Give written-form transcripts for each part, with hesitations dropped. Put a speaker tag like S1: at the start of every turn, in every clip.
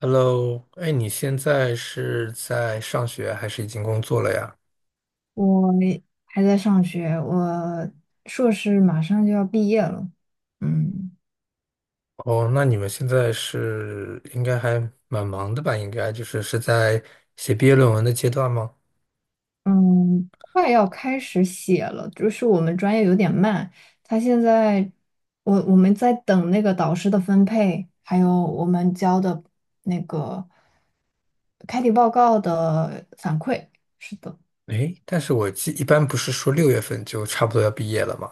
S1: Hello，哎，你现在是在上学还是已经工作了呀？
S2: 我还在上学，我硕士马上就要毕业了。嗯
S1: 哦，那你们现在是应该还蛮忙的吧？应该就是在写毕业论文的阶段吗？
S2: 嗯，快要开始写了，就是我们专业有点慢，他现在我们在等那个导师的分配，还有我们交的那个开题报告的反馈。是的。
S1: 哎，但是我记一般不是说六月份就差不多要毕业了吗？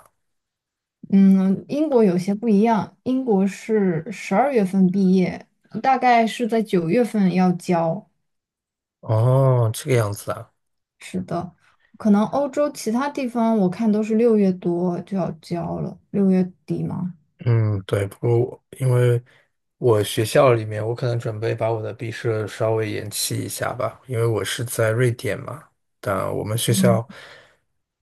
S2: 嗯，英国有些不一样，英国是十二月份毕业，大概是在九月份要交。
S1: 哦，这个样子啊。
S2: 是的，可能欧洲其他地方我看都是六月多就要交了，六月底吗？
S1: 嗯，对，不过我因为我学校里面，我可能准备把我的毕设稍微延期一下吧，因为我是在瑞典嘛。但我们学校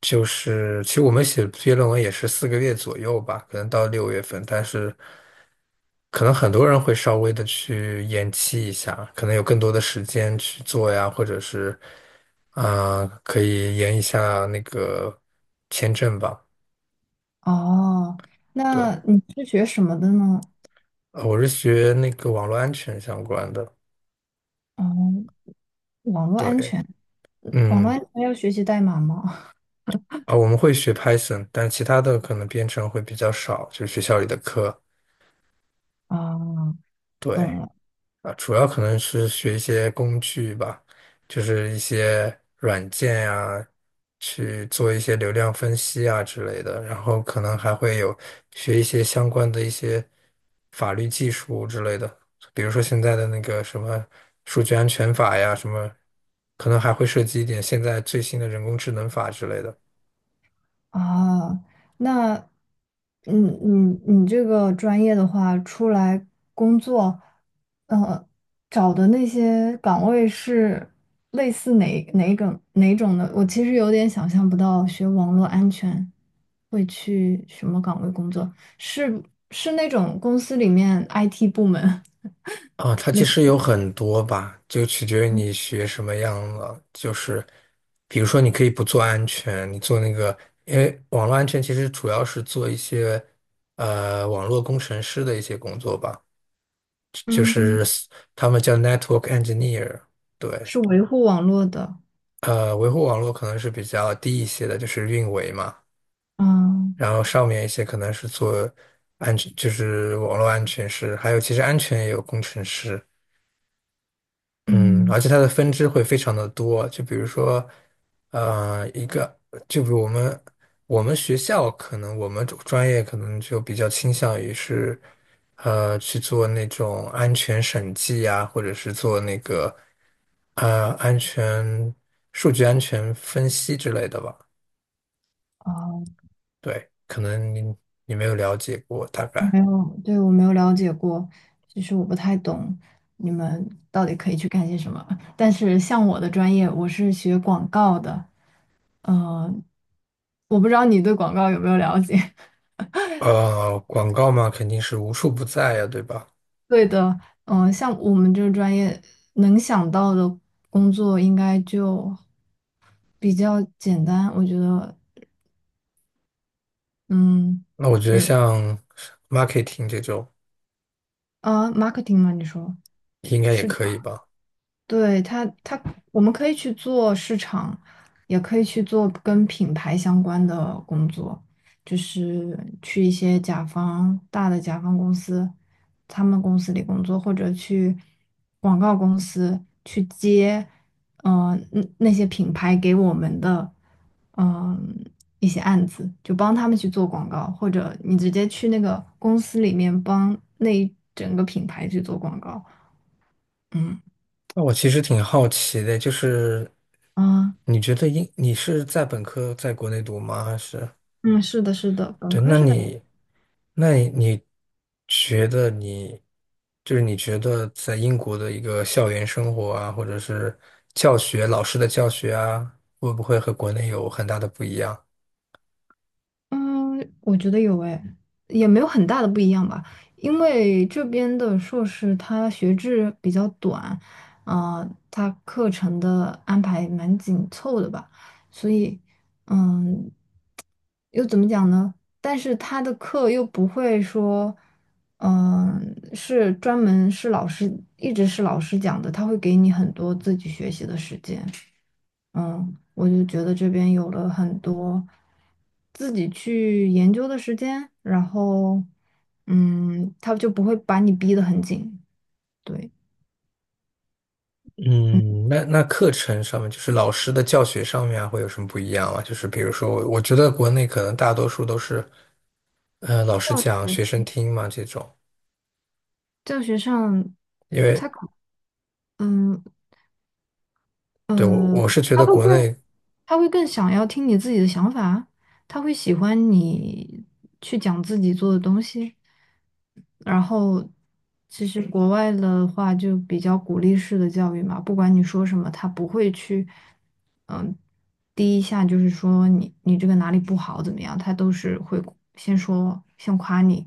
S1: 就是，其实我们写毕业论文也是四个月左右吧，可能到六月份，但是可能很多人会稍微的去延期一下，可能有更多的时间去做呀，或者是啊、可以延一下那个签证吧。
S2: 哦，
S1: 对，
S2: 那你是学什么的呢？
S1: 我是学那个网络安全相关的。
S2: 哦，网络安
S1: 对，
S2: 全，网络
S1: 嗯，
S2: 安全要学习代码吗？
S1: 啊，我们会学 Python,但其他的可能编程会比较少，就是学校里的课。
S2: 啊，
S1: 对，
S2: 懂了。
S1: 啊，主要可能是学一些工具吧，就是一些软件呀，去做一些流量分析啊之类的，然后可能还会有学一些相关的一些法律技术之类的，比如说现在的那个什么数据安全法呀，什么，可能还会涉及一点现在最新的人工智能法之类的。
S2: 啊，那，嗯，你这个专业的话，出来工作，呃，找的那些岗位是类似哪种的？我其实有点想象不到，学网络安全会去什么岗位工作？是是那种公司里面 IT 部门，
S1: 啊，它其实有很多吧，就取决于你学什么样了。就是，比如说，你可以不做安全，你做那个，因为网络安全其实主要是做一些网络工程师的一些工作吧，就
S2: 嗯，
S1: 是他们叫 network engineer。对，
S2: 是维护网络的。
S1: 呃，维护网络可能是比较低一些的，就是运维嘛。
S2: 嗯
S1: 然后上面一些可能是做安全，就是网络安全师，还有其实安全也有工程师。嗯，
S2: 嗯。
S1: 而且它的分支会非常的多，就比如说，呃，一个，就比如我们学校可能我们专业可能就比较倾向于是，呃，去做那种安全审计呀，或者是做那个，呃，数据安全分析之类的吧。
S2: 哦，
S1: 对，可能你没有了解过，大概，
S2: 没有，对，我没有了解过，其实我不太懂你们到底可以去干些什么。但是像我的专业，我是学广告的，呃，我不知道你对广告有没有了解。
S1: 呃，广告嘛，肯定是无处不在呀，对吧？
S2: 对的。像我们这个专业能想到的工作应该就比较简单，我觉得。嗯。
S1: 那我觉得
S2: 嗯。
S1: 像 marketing 这种。
S2: 啊，marketing 吗？你说？
S1: 应该也
S2: 是，
S1: 可以吧？
S2: 对，他我们可以去做市场，也可以去做跟品牌相关的工作，就是去一些甲方，大的甲方公司，他们公司里工作，或者去广告公司去接，那那些品牌给我们的嗯、一些案子，就帮他们去做广告，或者你直接去那个公司里面帮那一整个品牌去做广告。嗯。
S1: 那我其实挺好奇的，就是
S2: 啊，
S1: 你觉得英你是在本科在国内读吗？还是
S2: 嗯，是的，是的，本
S1: 对？
S2: 科
S1: 那
S2: 是在，
S1: 那你你你就是你觉得在英国的一个校园生活啊，或者是教学老师的教学啊，会不会和国内有很大的不一样？
S2: 嗯，我觉得有诶，也没有很大的不一样吧，因为这边的硕士它学制比较短，啊、它课程的安排蛮紧凑的吧，所以，嗯，又怎么讲呢？但是他的课又不会说，是专门是老师一直是老师讲的，他会给你很多自己学习的时间。嗯，我就觉得这边有了很多自己去研究的时间，然后，嗯，他就不会把你逼得很紧。对。
S1: 嗯，那那课程上面，就是老师的教学上面啊，会有什么不一样吗？就是比如说我觉得国内可能大多数都是呃，老
S2: 教
S1: 师讲，
S2: 学
S1: 学生听嘛这种，
S2: 教学上
S1: 因为
S2: 他可嗯
S1: 对我
S2: 呃，
S1: 我是觉
S2: 他
S1: 得
S2: 会
S1: 国
S2: 更
S1: 内，
S2: 他会更想要听你自己的想法，他会喜欢你去讲自己做的东西。然后，其实国外的话就比较鼓励式的教育嘛，不管你说什么，他不会去。第一下就是说你这个哪里不好怎么样，他都是会先夸你，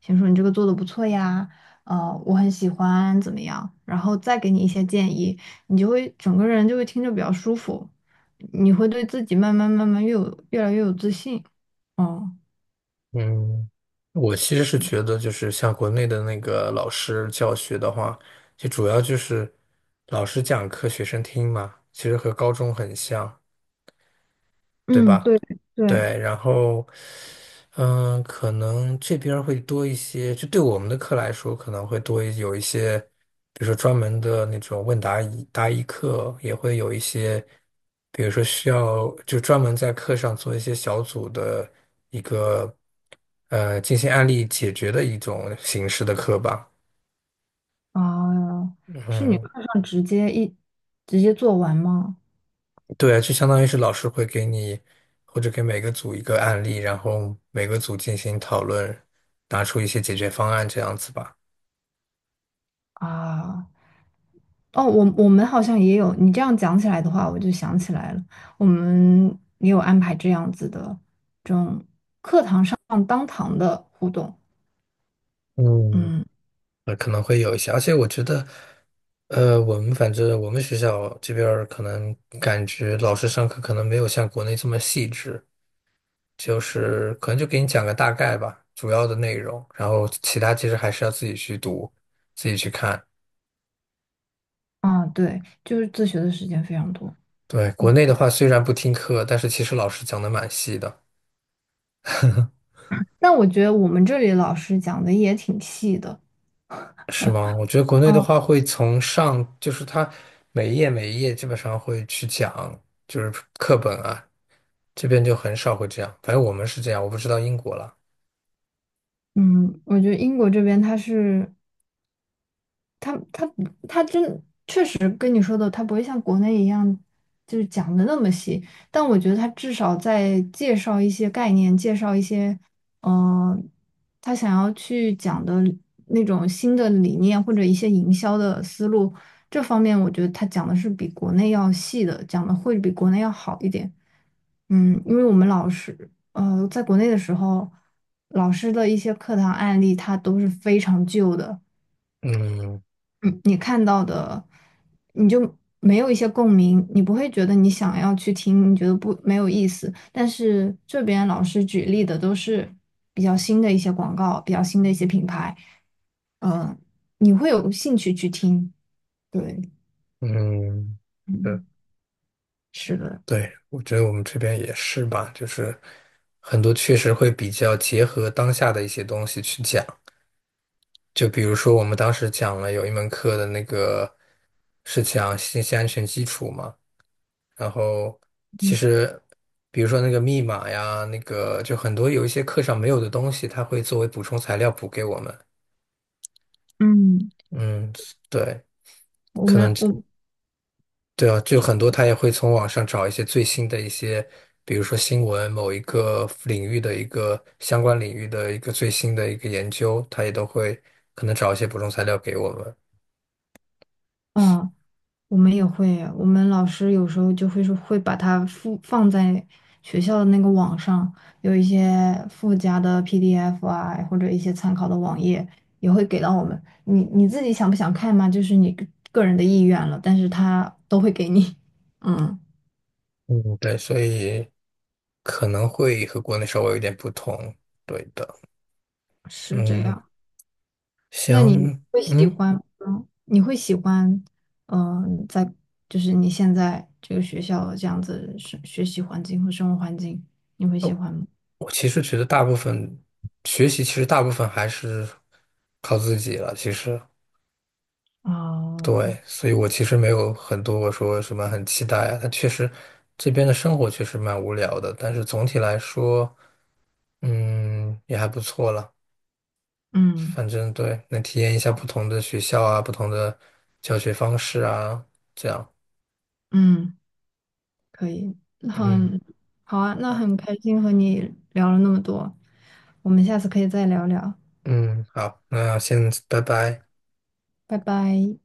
S2: 先说你这个做的不错呀，呃，我很喜欢怎么样，然后再给你一些建议，你就会整个人就会听着比较舒服，你会对自己慢慢越来越有自信。哦。
S1: 嗯，我其实是觉得就是像国内的那个老师教学的话，就主要就是老师讲课，学生听嘛，其实和高中很像。对
S2: 嗯，
S1: 吧？
S2: 对。对
S1: 对，然后，嗯，可能这边儿会多一些，就对我们的课来说，可能会有一些，比如说专门的那种问答疑答疑课，也会有一些，比如说需要就专门在课上做一些小组的一个进行案例解决的一种形式的课吧。
S2: 啊，是你课
S1: 嗯，
S2: 上直接一直接做完吗？
S1: 对啊，就相当于是老师会给你，或者给每个组一个案例，然后每个组进行讨论，拿出一些解决方案这样子吧。
S2: 啊。哦，我我们好像也有，你这样讲起来的话，我就想起来了，我们也有安排这样子的这种放当堂的互动。
S1: 嗯，
S2: 嗯。
S1: 可能会有一些，而且我觉得，呃，反正我们学校这边儿可能感觉老师上课可能没有像国内这么细致，就是可能就给你讲个大概吧，主要的内容，然后其他其实还是要自己去读，自己去看。
S2: 啊，对，就是自学的时间非常多。
S1: 对，国内的话虽然不听课，但是其实老师讲的蛮细的。
S2: 但我觉得我们这里老师讲的也挺细的。
S1: 是吗？我觉得国内的
S2: 嗯
S1: 话会从上，就是它每一页每一页基本上会去讲，就是课本啊，这边就很少会这样。反正我们是这样，我不知道英国了。
S2: 嗯，我觉得英国这边他是他他他真实跟你说的，它不会像国内一样就是讲的那么细，但我觉得他至少在介绍一些概念，介绍一些呃，他想要去讲的那种新的理念或者一些营销的思路，这方面我觉得他讲的是比国内要细的，讲的会比国内要好一点。嗯，因为我们老师呃，在国内的时候，老师的一些课堂案例，它都是非常旧的。
S1: 嗯
S2: 嗯，你看到的，你就没有一些共鸣，你不会觉得你想要去听，你觉得不，没有意思。但是这边老师举例的都是比较新的一些广告，比较新的一些品牌，嗯，你会有兴趣去听。对。
S1: 嗯，对
S2: 嗯，是的。
S1: 对，我觉得我们这边也是吧，就是很多确实会比较结合当下的一些东西去讲。就比如说，我们当时讲了有一门课的那个是讲信息安全基础嘛，然后其
S2: 嗯
S1: 实，比如说那个密码呀，那个就很多有一些课上没有的东西，他会作为补充材料补给我们。
S2: 嗯，
S1: 嗯，对，
S2: 我
S1: 可能
S2: 们我
S1: 对啊，就很多他也会从网上找一些最新的一些，比如说新闻某一个领域的一个相关领域的一个最新的一个研究，他也都会可能找一些补充材料给我们。
S2: 啊。我们也会，我们老师有时候就会说会把它附放在学校的那个网上，有一些附加的 PDF 啊，或者一些参考的网页也会给到我们。你你自己想不想看嘛？就是你个人的意愿了，但是他都会给你。嗯，
S1: 嗯，对，所以可能会和国内稍微有点不同。对的，
S2: 是这
S1: 嗯，
S2: 样。那你
S1: 行，
S2: 会喜
S1: 嗯。
S2: 欢吗？你会喜欢，在就是你现在这个学校这样子学习环境和生活环境，你会喜
S1: 哦。
S2: 欢吗？
S1: 我其实觉得大部分学习，其实大部分还是靠自己了。其实，
S2: 啊。
S1: 对，所以我其实没有很多我说什么很期待啊。但确实，这边的生活确实蛮无聊的，但是总体来说，嗯，也还不错了。
S2: 嗯
S1: 反正对，能体验一下不同的学校啊，不同的教学方式啊，这样。
S2: 嗯，可以，很
S1: 嗯
S2: 好啊，那很开心和你聊了那么多，我们下次可以再聊聊。
S1: 嗯，好，那先拜拜。
S2: 拜拜。